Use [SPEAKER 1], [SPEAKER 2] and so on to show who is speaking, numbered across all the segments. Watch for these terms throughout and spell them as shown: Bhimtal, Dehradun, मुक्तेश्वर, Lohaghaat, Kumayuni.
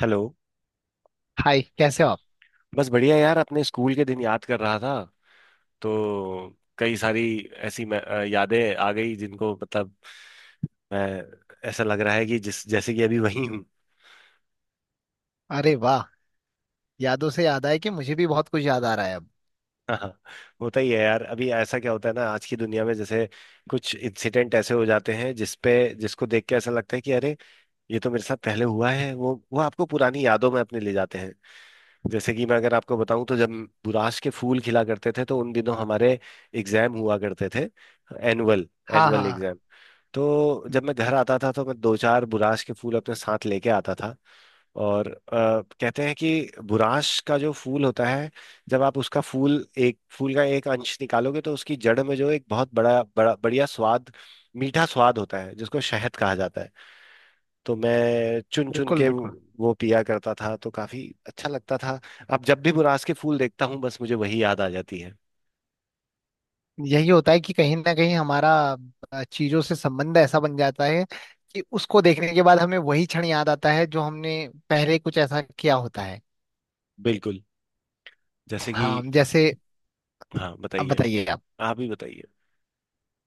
[SPEAKER 1] Hello.
[SPEAKER 2] Hi, कैसे हो आप।
[SPEAKER 1] बस बढ़िया यार, अपने स्कूल के दिन याद कर रहा था। तो कई सारी ऐसी यादें आ गई जिनको मतलब मैं ऐसा लग रहा है कि जिस जैसे कि अभी वही हूँ।
[SPEAKER 2] अरे वाह। यादों से याद आया कि मुझे भी बहुत कुछ याद आ रहा है अब।
[SPEAKER 1] हाँ, होता ही है यार। अभी ऐसा क्या होता है ना आज की दुनिया में, जैसे कुछ इंसिडेंट ऐसे हो जाते हैं जिसपे जिसको देख के ऐसा लगता है कि अरे, ये तो मेरे साथ पहले हुआ है। वो आपको पुरानी यादों में अपने ले जाते हैं। जैसे कि मैं, अगर आपको बताऊं, तो जब बुराश के फूल खिला करते थे तो उन दिनों हमारे एग्जाम हुआ करते थे। एनुअल
[SPEAKER 2] हाँ
[SPEAKER 1] एनुअल
[SPEAKER 2] हाँ।
[SPEAKER 1] एग्जाम। तो जब मैं घर आता था तो मैं दो चार बुराश के फूल अपने साथ लेके आता था। और कहते हैं कि बुराश का जो फूल होता है, जब आप उसका फूल, एक फूल का एक अंश निकालोगे, तो उसकी जड़ में जो एक बहुत बड़ा बड़ा बढ़िया स्वाद मीठा स्वाद होता है जिसको शहद कहा जाता है। तो मैं चुन चुन
[SPEAKER 2] बिल्कुल
[SPEAKER 1] के वो
[SPEAKER 2] बिल्कुल।
[SPEAKER 1] पिया करता था, तो काफी अच्छा लगता था। अब जब भी मुरास के फूल देखता हूँ, बस मुझे वही याद आ जाती है।
[SPEAKER 2] यही होता है कि कहीं ना कहीं हमारा चीजों से संबंध ऐसा बन जाता है कि उसको देखने के बाद हमें वही क्षण याद आता है जो हमने पहले कुछ ऐसा किया होता है।
[SPEAKER 1] बिल्कुल। जैसे
[SPEAKER 2] हाँ,
[SPEAKER 1] कि।
[SPEAKER 2] जैसे।
[SPEAKER 1] हाँ,
[SPEAKER 2] अब
[SPEAKER 1] बताइए।
[SPEAKER 2] बताइए आप।
[SPEAKER 1] आप ही बताइए।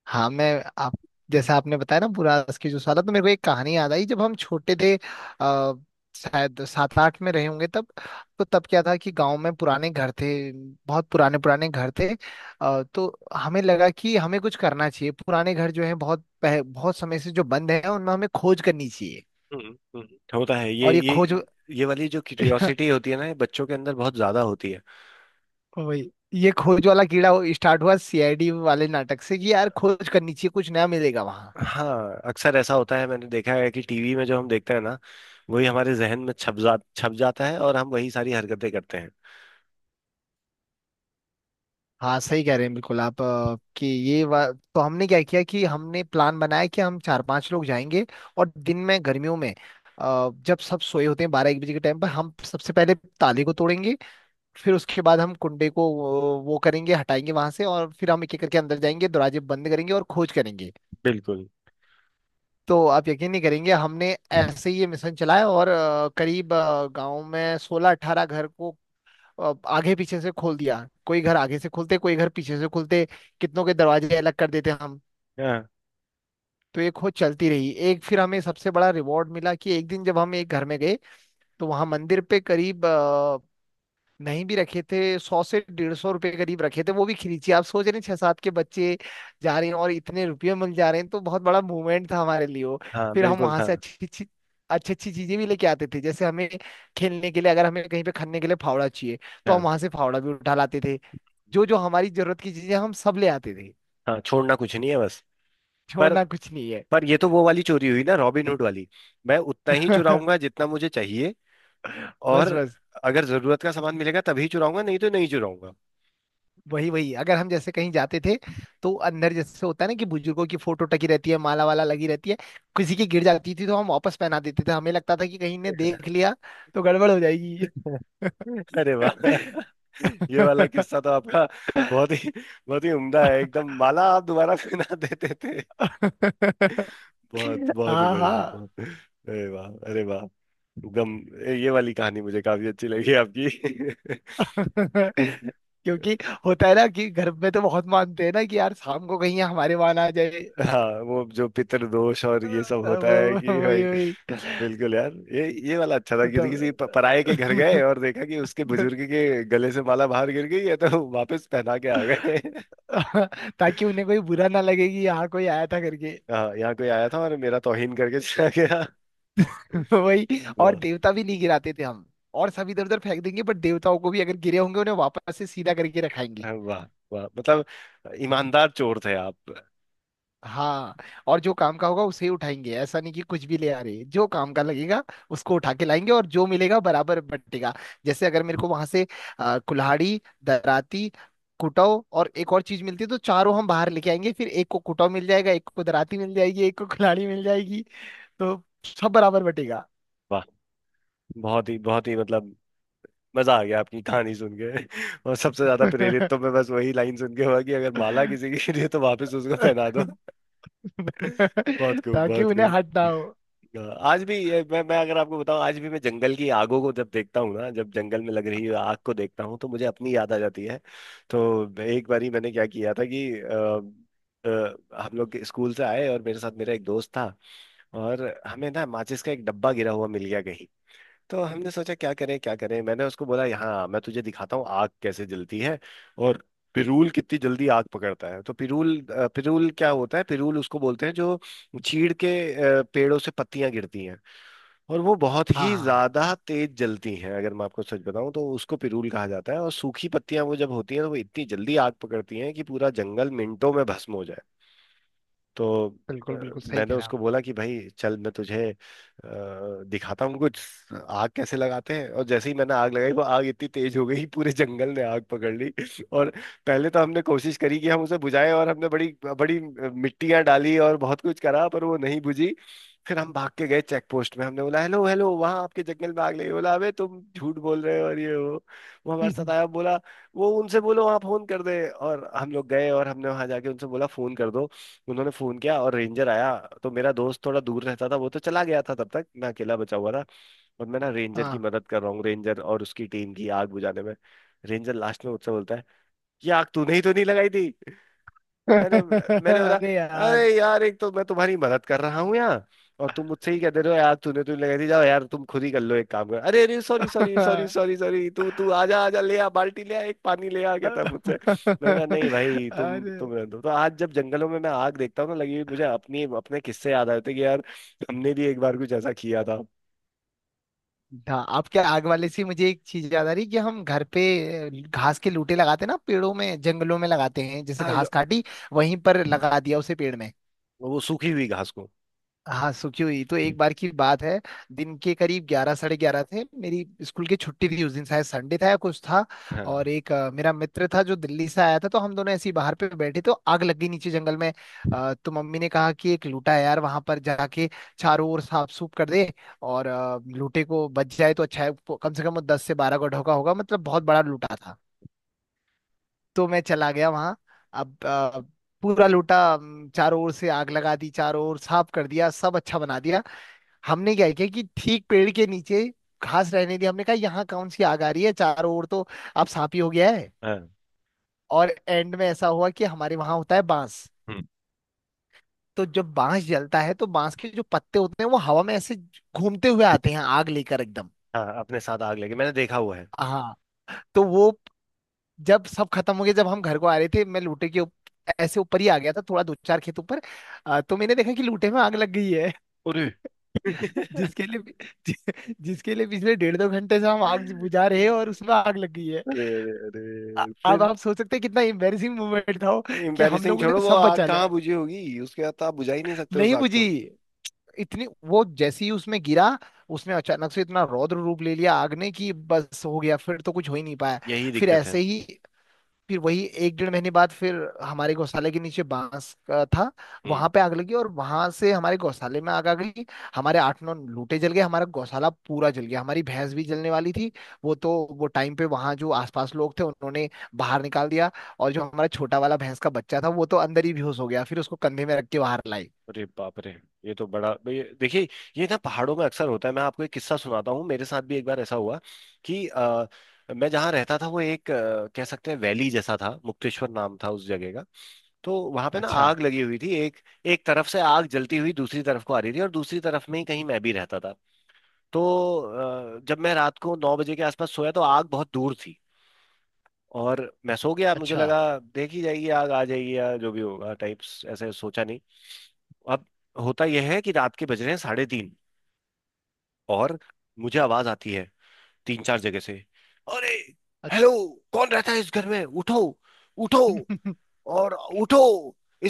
[SPEAKER 2] हाँ मैं। आप। जैसे आपने बताया ना बुरास की जो साला, तो मेरे को एक कहानी याद आई। जब हम छोटे थे शायद सात आठ में रहे होंगे तब। तो तब क्या था कि गांव में पुराने घर थे, बहुत पुराने पुराने घर थे। तो हमें लगा कि हमें कुछ करना चाहिए, पुराने घर जो है बहुत बहुत समय से जो बंद है, उनमें हमें खोज करनी चाहिए।
[SPEAKER 1] हम्म। होता है ये
[SPEAKER 2] और ये खोज
[SPEAKER 1] ये वाली जो क्यूरियोसिटी होती है ना, ये बच्चों के अंदर बहुत ज्यादा होती है।
[SPEAKER 2] वही, ये खोज वाला कीड़ा स्टार्ट हुआ सीआईडी वाले नाटक से कि यार खोज करनी चाहिए, कुछ नया मिलेगा वहां।
[SPEAKER 1] हाँ, अक्सर ऐसा होता है, मैंने देखा है कि टीवी में जो हम देखते हैं ना, वही हमारे जहन में छप जाता है, और हम वही सारी हरकतें करते हैं।
[SPEAKER 2] हाँ, सही कह रहे हैं बिल्कुल आप। तो हमने क्या किया कि हमने प्लान बनाया कि हम चार पांच लोग जाएंगे, और दिन में गर्मियों में जब सब सोए होते हैं, बारह एक बजे के टाइम पर, हम सबसे पहले ताले को तोड़ेंगे। फिर उसके बाद हम कुंडे को वो करेंगे, हटाएंगे वहां से, और फिर हम एक एक करके अंदर जाएंगे, दरवाजे बंद करेंगे और खोज करेंगे।
[SPEAKER 1] बिल्कुल।
[SPEAKER 2] तो आप यकीन नहीं करेंगे, हमने ऐसे ही ये मिशन चलाया। और करीब गांव में सोलह अठारह घर को अब आगे पीछे से खोल दिया। कोई घर आगे से खुलते, कोई घर पीछे से खुलते, कितनों के दरवाजे अलग कर देते हम।
[SPEAKER 1] हाँ।
[SPEAKER 2] तो ये खोज चलती रही। एक फिर हमें सबसे बड़ा रिवॉर्ड मिला कि एक दिन जब हम एक घर में गए, तो वहां मंदिर पे करीब नहीं भी रखे थे, 100 से 150 रुपए करीब रखे थे। वो भी खिलीची। आप सोच रहे हैं, छह सात के बच्चे जा रहे हैं और इतने रुपये मिल जा रहे हैं, तो बहुत बड़ा मूवमेंट था हमारे लिए वो।
[SPEAKER 1] हाँ,
[SPEAKER 2] फिर हम
[SPEAKER 1] बिल्कुल
[SPEAKER 2] वहां
[SPEAKER 1] था।
[SPEAKER 2] से अच्छी अच्छी चीजें भी लेके आते थे। जैसे हमें खेलने के लिए, अगर हमें कहीं पे खनने के लिए फावड़ा चाहिए, तो हम
[SPEAKER 1] हाँ।
[SPEAKER 2] वहां से फावड़ा भी उठा लाते थे। जो जो हमारी जरूरत की चीजें, हम सब ले आते थे।
[SPEAKER 1] हाँ, छोड़ना कुछ नहीं है बस। पर
[SPEAKER 2] छोड़ना कुछ नहीं है।
[SPEAKER 1] पर ये तो वो वाली चोरी हुई ना, रॉबिनहुड वाली। मैं उतना ही चुराऊंगा जितना मुझे चाहिए। और
[SPEAKER 2] बस बस।
[SPEAKER 1] अगर जरूरत का सामान मिलेगा तभी चुराऊंगा, नहीं तो नहीं चुराऊंगा।
[SPEAKER 2] वही वही, अगर हम जैसे कहीं जाते थे तो अंदर जैसे होता है ना कि बुजुर्गों की फोटो टकी रहती है, माला वाला लगी रहती है, किसी की गिर जाती थी तो हम वापस पहना देते थे। हमें लगता था कि कहीं ने देख लिया तो गड़बड़ हो जाएगी।
[SPEAKER 1] अरे वाह। ये वाला किस्सा तो आपका बहुत ही, बहुत ही उम्दा है। एकदम। माला आप दोबारा पहना देते थे। बहुत, बहुत ही
[SPEAKER 2] हाँ
[SPEAKER 1] बढ़िया,
[SPEAKER 2] हाँ।
[SPEAKER 1] बहुत, अरे वाह, अरे वाह। एकदम। ये वाली कहानी मुझे काफी अच्छी लगी आपकी।
[SPEAKER 2] क्योंकि होता है ना कि घर में तो बहुत मानते हैं ना कि यार शाम को कहीं हमारे वहां ना आ जाए।
[SPEAKER 1] हाँ, वो जो पितृदोष और ये सब
[SPEAKER 2] अब-
[SPEAKER 1] होता है कि भाई।
[SPEAKER 2] वही वही।
[SPEAKER 1] बिल्कुल यार, ये वाला अच्छा था
[SPEAKER 2] तो
[SPEAKER 1] कि किसी
[SPEAKER 2] तब
[SPEAKER 1] पराये के घर गए और देखा कि उसके बुजुर्ग के गले से माला बाहर गिर गई है, तो वापस पहना के आ गए।
[SPEAKER 2] ताकि उन्हें कोई बुरा ना लगे कि यहाँ कोई आया था करके।
[SPEAKER 1] हाँ, यहाँ कोई आया था और मेरा तौहीन करके चला गया।
[SPEAKER 2] वही। और
[SPEAKER 1] वाह।
[SPEAKER 2] देवता भी नहीं गिराते थे हम। और सब इधर उधर फेंक देंगे, बट देवताओं को भी अगर गिरे होंगे, उन्हें वापस से सीधा करके रखाएंगे।
[SPEAKER 1] हाँ, वाह। वाह मतलब, ईमानदार चोर थे आप।
[SPEAKER 2] हाँ। और जो काम का होगा उसे ही उठाएंगे, ऐसा नहीं कि कुछ भी ले आ रहे। जो काम का लगेगा उसको उठा के लाएंगे, और जो मिलेगा बराबर बटेगा। जैसे अगर मेरे को वहां से कुल्हाड़ी, दराती, कुटाव और एक और चीज मिलती है, तो चारों हम बाहर लेके आएंगे, फिर एक को कुटाव मिल जाएगा, एक को दराती मिल जाएगी, एक को कुल्हाड़ी मिल जाएगी। तो सब बराबर बटेगा।
[SPEAKER 1] वाह, बहुत ही, बहुत ही मतलब, मजा आ गया आपकी कहानी सुन के। और सबसे ज्यादा प्रेरित तो मैं बस वही लाइन सुन के हुआ कि अगर माला किसी की गिरी है तो वापस उसको पहना दो। बहुत खूब,
[SPEAKER 2] ताकि
[SPEAKER 1] बहुत
[SPEAKER 2] उन्हें
[SPEAKER 1] खूब।
[SPEAKER 2] हट ना हो।
[SPEAKER 1] आज भी ये- मैं अगर आपको बताऊं, आज भी मैं जंगल की आगों को जब देखता हूँ ना, जब जंगल में लग रही आग को देखता हूँ, तो मुझे अपनी याद आ जाती है। तो एक बारी मैंने क्या किया था कि हम लोग स्कूल से आए और मेरे साथ मेरा एक दोस्त था। और हमें ना माचिस का एक डब्बा गिरा हुआ मिल गया। तो हमने सोचा क्या करें क्या करें। मैंने उसको बोला, यहाँ मैं तुझे दिखाता हूँ आग कैसे जलती है और पिरूल कितनी जल्दी आग पकड़ता है। तो पिरूल, पिरूल क्या होता है, पिरूल उसको बोलते हैं जो चीड़ के पेड़ों से पत्तियां गिरती हैं। और वो बहुत
[SPEAKER 2] हाँ
[SPEAKER 1] ही
[SPEAKER 2] हाँ,
[SPEAKER 1] ज्यादा तेज जलती हैं, अगर मैं आपको सच बताऊं, तो उसको पिरूल कहा जाता है। और सूखी पत्तियां वो जब होती हैं तो वो इतनी जल्दी आग पकड़ती हैं कि पूरा जंगल मिनटों में भस्म हो जाए। तो
[SPEAKER 2] बिल्कुल बिल्कुल, सही
[SPEAKER 1] मैंने
[SPEAKER 2] कह रहे हैं
[SPEAKER 1] उसको बोला कि भाई चल, मैं तुझे दिखाता हूँ कुछ, आग कैसे लगाते हैं। और जैसे ही मैंने आग लगाई, वो आग इतनी तेज हो गई, पूरे जंगल ने आग पकड़ ली। और पहले तो हमने कोशिश करी कि हम उसे बुझाएं, और हमने बड़ी बड़ी मिट्टियां डाली और बहुत कुछ करा, पर वो नहीं बुझी। फिर हम भाग के गए चेक पोस्ट में। हमने बोला हेलो हेलो, वहाँ आपके जंगल में आग लगी। बोला, अबे तुम झूठ बोल रहे हो, और ये वो हमारे साथ आया। बोला, वो उनसे बोलो वहाँ फोन कर दे। और हम लोग गए और हमने वहाँ जाके उनसे बोला फोन कर दो। उन्होंने फोन किया और रेंजर आया। तो मेरा दोस्त थोड़ा दूर रहता था, वो तो चला गया था तब तक, मैं अकेला बचा हुआ था। और मैं ना
[SPEAKER 2] आप।
[SPEAKER 1] रेंजर की
[SPEAKER 2] हाँ।
[SPEAKER 1] मदद कर रहा हूँ, रेंजर और उसकी टीम की, आग बुझाने में। रेंजर लास्ट में मुझसे बोलता है, ये आग तूने ही तो नहीं लगाई थी। मैंने मैंने बोला,
[SPEAKER 2] अरे यार।
[SPEAKER 1] अरे यार, एक तो मैं तुम्हारी मदद कर रहा हूँ यहाँ, और तुम मुझसे ही कह दे रहे हो, यार तूने, तू लगा दी, जाओ यार तुम खुद ही कर लो, एक काम कर। अरे अरे, sorry sorry sorry sorry sorry, तू तू आजा आजा, ले आ बाल्टी ले आ, एक पानी ले आ, कहता है मुझसे। मैंने कहा नहीं भाई,
[SPEAKER 2] अरे।
[SPEAKER 1] तुम रहने दो। तो आज जब जंगलों में मैं आग देखता हूँ ना, लगी हुई, मुझे अपनी अपने किस्से याद आते हैं कि यार, हमने भी एक बार कुछ ऐसा किया था।
[SPEAKER 2] हाँ, आपके आग वाले से मुझे एक चीज याद आ रही कि हम घर पे घास के लूटे लगाते हैं ना, पेड़ों में जंगलों में लगाते हैं। जैसे
[SPEAKER 1] हाँ जो।
[SPEAKER 2] घास काटी वहीं पर लगा दिया, उसे पेड़ में।
[SPEAKER 1] वो सूखी हुई घास को।
[SPEAKER 2] हाँ, सुखी हुई। तो एक बार की बात है, दिन के करीब ग्यारह साढ़े ग्यारह थे, मेरी स्कूल की छुट्टी थी उस दिन, शायद संडे था या कुछ था। और
[SPEAKER 1] हाँ।
[SPEAKER 2] एक मेरा मित्र था जो दिल्ली से आया था, तो हम दोनों ऐसे ही बाहर पे बैठे। तो आग लग गई नीचे जंगल में। तो मम्मी ने कहा कि एक लूटा है यार वहां पर, जाके चारों ओर साफ सूफ कर दे, और लूटे को बच जाए तो अच्छा है। वो कम से कम वो 10 से 12 गड्ढों का ढोका होगा, मतलब बहुत बड़ा लूटा था। तो मैं चला गया वहां। अब अ, पूरा लूटा, चारों ओर से आग लगा दी, चारों ओर साफ कर दिया, सब अच्छा बना दिया। हमने क्या किया कि ठीक पेड़ के नीचे घास रहने दी। हमने कहा यहाँ कौन सी आग आ रही है, चारों ओर तो अब सांप ही हो गया है।
[SPEAKER 1] हाँ।
[SPEAKER 2] और एंड में ऐसा हुआ कि हमारे वहां होता है बांस,
[SPEAKER 1] हम्म,
[SPEAKER 2] तो जब बांस जलता है तो बांस के जो पत्ते होते हैं वो हवा में ऐसे घूमते हुए आते हैं आग लेकर एकदम।
[SPEAKER 1] हाँ, अपने साथ आग लगी, मैंने देखा हुआ है।
[SPEAKER 2] हाँ। तो वो, जब सब खत्म हो गया, जब हम घर को आ रहे थे, मैं लूटे के ऐसे ऊपर ही आ गया था, थोड़ा दो चार खेत ऊपर। तो मैंने देखा कि लूटे में आग लग गई है।
[SPEAKER 1] अरे।
[SPEAKER 2] जिसके लिए, जि, जिसके लिए पिछले डेढ़ दो घंटे से हम आग बुझा रहे हैं, और उसमें आग लग गई है।
[SPEAKER 1] अरे अरे अरे,
[SPEAKER 2] अब
[SPEAKER 1] फिर?
[SPEAKER 2] आप सोच सकते हैं कितना एम्बेरसिंग मोमेंट था वो, कि हम
[SPEAKER 1] एम्बैरेसिंग
[SPEAKER 2] लोगों ने
[SPEAKER 1] छोड़ो, वो
[SPEAKER 2] सब
[SPEAKER 1] आग
[SPEAKER 2] बचा
[SPEAKER 1] कहाँ
[SPEAKER 2] लिया।
[SPEAKER 1] बुझी होगी उसके बाद, तो आप बुझा ही नहीं सकते उस
[SPEAKER 2] नहीं
[SPEAKER 1] आग
[SPEAKER 2] बुझी।
[SPEAKER 1] को।
[SPEAKER 2] इतनी वो, जैसे ही उसमें गिरा, उसने अचानक से इतना रौद्र रूप ले लिया आग ने कि बस हो गया, फिर तो कुछ हो ही नहीं पाया।
[SPEAKER 1] यही
[SPEAKER 2] फिर
[SPEAKER 1] दिक्कत है।
[SPEAKER 2] ऐसे ही, फिर वही एक डेढ़ महीने बाद, फिर हमारे गौशाले के नीचे बांस का था।
[SPEAKER 1] हम्म।
[SPEAKER 2] वहां पे आग लगी और वहां से हमारे गौशाले में आग आ गई। हमारे आठ नौ लूटे जल गए, हमारा गौशाला पूरा जल गया, हमारी भैंस भी जलने वाली थी। वो तो, वो टाइम पे वहां जो आसपास लोग थे, उन्होंने बाहर निकाल दिया। और जो हमारा छोटा वाला भैंस का बच्चा था, वो तो अंदर ही बेहोश हो गया, फिर उसको कंधे में रख के बाहर लाई।
[SPEAKER 1] अरे बाप रे। ये तो बड़ा, देखिए, ये ना पहाड़ों में अक्सर होता है। मैं आपको एक किस्सा सुनाता हूँ, मेरे साथ भी एक बार ऐसा हुआ कि मैं जहाँ रहता था, वो एक कह सकते हैं वैली जैसा था, मुक्तेश्वर नाम था उस जगह का। तो वहां पे ना
[SPEAKER 2] अच्छा
[SPEAKER 1] आग लगी हुई थी। एक एक तरफ से आग जलती हुई दूसरी तरफ को आ रही थी, और दूसरी तरफ में ही कहीं मैं भी रहता था। तो जब मैं रात को 9 बजे के आसपास सोया तो आग बहुत दूर थी। और मैं सो गया, मुझे
[SPEAKER 2] अच्छा
[SPEAKER 1] लगा देख ही जाएगी, आग आ जाएगी या जो भी होगा टाइप्स, ऐसे सोचा नहीं। अब होता यह है कि रात के बज रहे हैं 3:30, और मुझे आवाज आती है तीन चार जगह से। अरे,
[SPEAKER 2] अच्छा।
[SPEAKER 1] हेलो, कौन रहता है इस घर में, उठो, उठो। और उठो,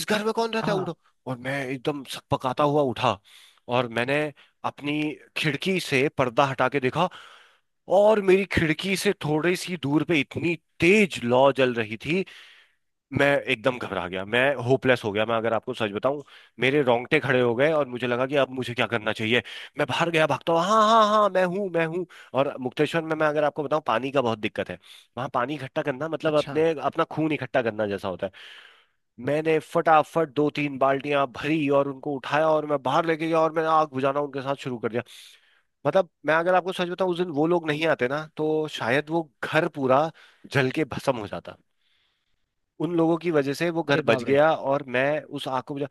[SPEAKER 1] इस घर में कौन रहता है,
[SPEAKER 2] हाँ,
[SPEAKER 1] उठो। और मैं एकदम सकपकाता हुआ उठा, और मैंने अपनी खिड़की से पर्दा हटा के देखा। और मेरी खिड़की से थोड़ी सी दूर पे इतनी तेज लौ जल रही थी। मैं एकदम घबरा गया, मैं होपलेस हो गया, मैं अगर आपको सच बताऊं, मेरे रोंगटे खड़े हो गए। और मुझे लगा कि अब मुझे क्या करना चाहिए। मैं बाहर गया भागता हुआ, हाँ हाँ हाँ, मैं हूँ मैं हूँ। और मुक्तेश्वर में, मैं अगर आपको बताऊं, पानी का बहुत दिक्कत है। वहाँ पानी इकट्ठा करना मतलब
[SPEAKER 2] अच्छा।
[SPEAKER 1] अपने अपना खून इकट्ठा करना जैसा होता है। मैंने फटाफट दो तीन बाल्टियां भरी और उनको उठाया और मैं बाहर लेके गया, और मैंने आग बुझाना उनके साथ शुरू कर दिया। मतलब मैं अगर आपको सच बताऊं, उस दिन वो लोग नहीं आते ना, तो शायद वो घर पूरा जल के भस्म हो जाता। उन लोगों की वजह से वो घर
[SPEAKER 2] अरे
[SPEAKER 1] बच
[SPEAKER 2] बाप रे।
[SPEAKER 1] गया और मैं उस आग को बुझा।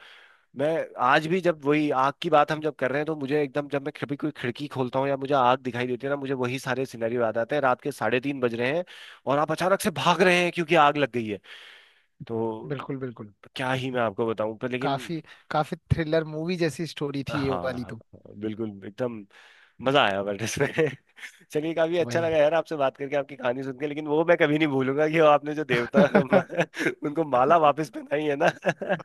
[SPEAKER 1] मैं आज भी, जब वही आग की बात हम जब कर रहे हैं, तो मुझे एकदम, जब मैं कभी कोई खिड़की खोलता हूँ या मुझे आग दिखाई देती है ना, मुझे वही सारे सिनेरियो याद आते हैं, रात के 3:30 बज रहे हैं और आप अचानक से भाग रहे हैं क्योंकि आग लग गई है। तो
[SPEAKER 2] बिल्कुल बिल्कुल।
[SPEAKER 1] क्या ही मैं आपको बताऊं, पर लेकिन।
[SPEAKER 2] काफी, काफी थ्रिलर मूवी जैसी स्टोरी
[SPEAKER 1] हाँ
[SPEAKER 2] थी ये
[SPEAKER 1] हाँ
[SPEAKER 2] वाली
[SPEAKER 1] हाँ,
[SPEAKER 2] तो।
[SPEAKER 1] बिल्कुल एकदम। मजा आया बट इसमें। चलिए, काफी अच्छा लगा
[SPEAKER 2] वही
[SPEAKER 1] यार आपसे बात करके, आपकी कहानी सुन के, लेकिन वो मैं कभी नहीं भूलूंगा कि वो आपने जो देवता, उनको माला वापस पहनाई है ना।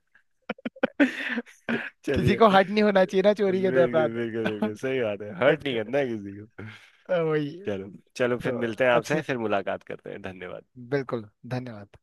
[SPEAKER 2] किसी
[SPEAKER 1] चलिए।
[SPEAKER 2] को हर्ट नहीं होना चाहिए ना, चोरी के
[SPEAKER 1] बिल्कुल बिल्कुल
[SPEAKER 2] दौरान।
[SPEAKER 1] बिल्कुल, सही बात है, हर्ट नहीं करना है किसी को।
[SPEAKER 2] वही।
[SPEAKER 1] चलो, चलो
[SPEAKER 2] तो,
[SPEAKER 1] फिर मिलते हैं आपसे,
[SPEAKER 2] अच्छा,
[SPEAKER 1] फिर मुलाकात करते हैं, धन्यवाद।
[SPEAKER 2] बिल्कुल, धन्यवाद।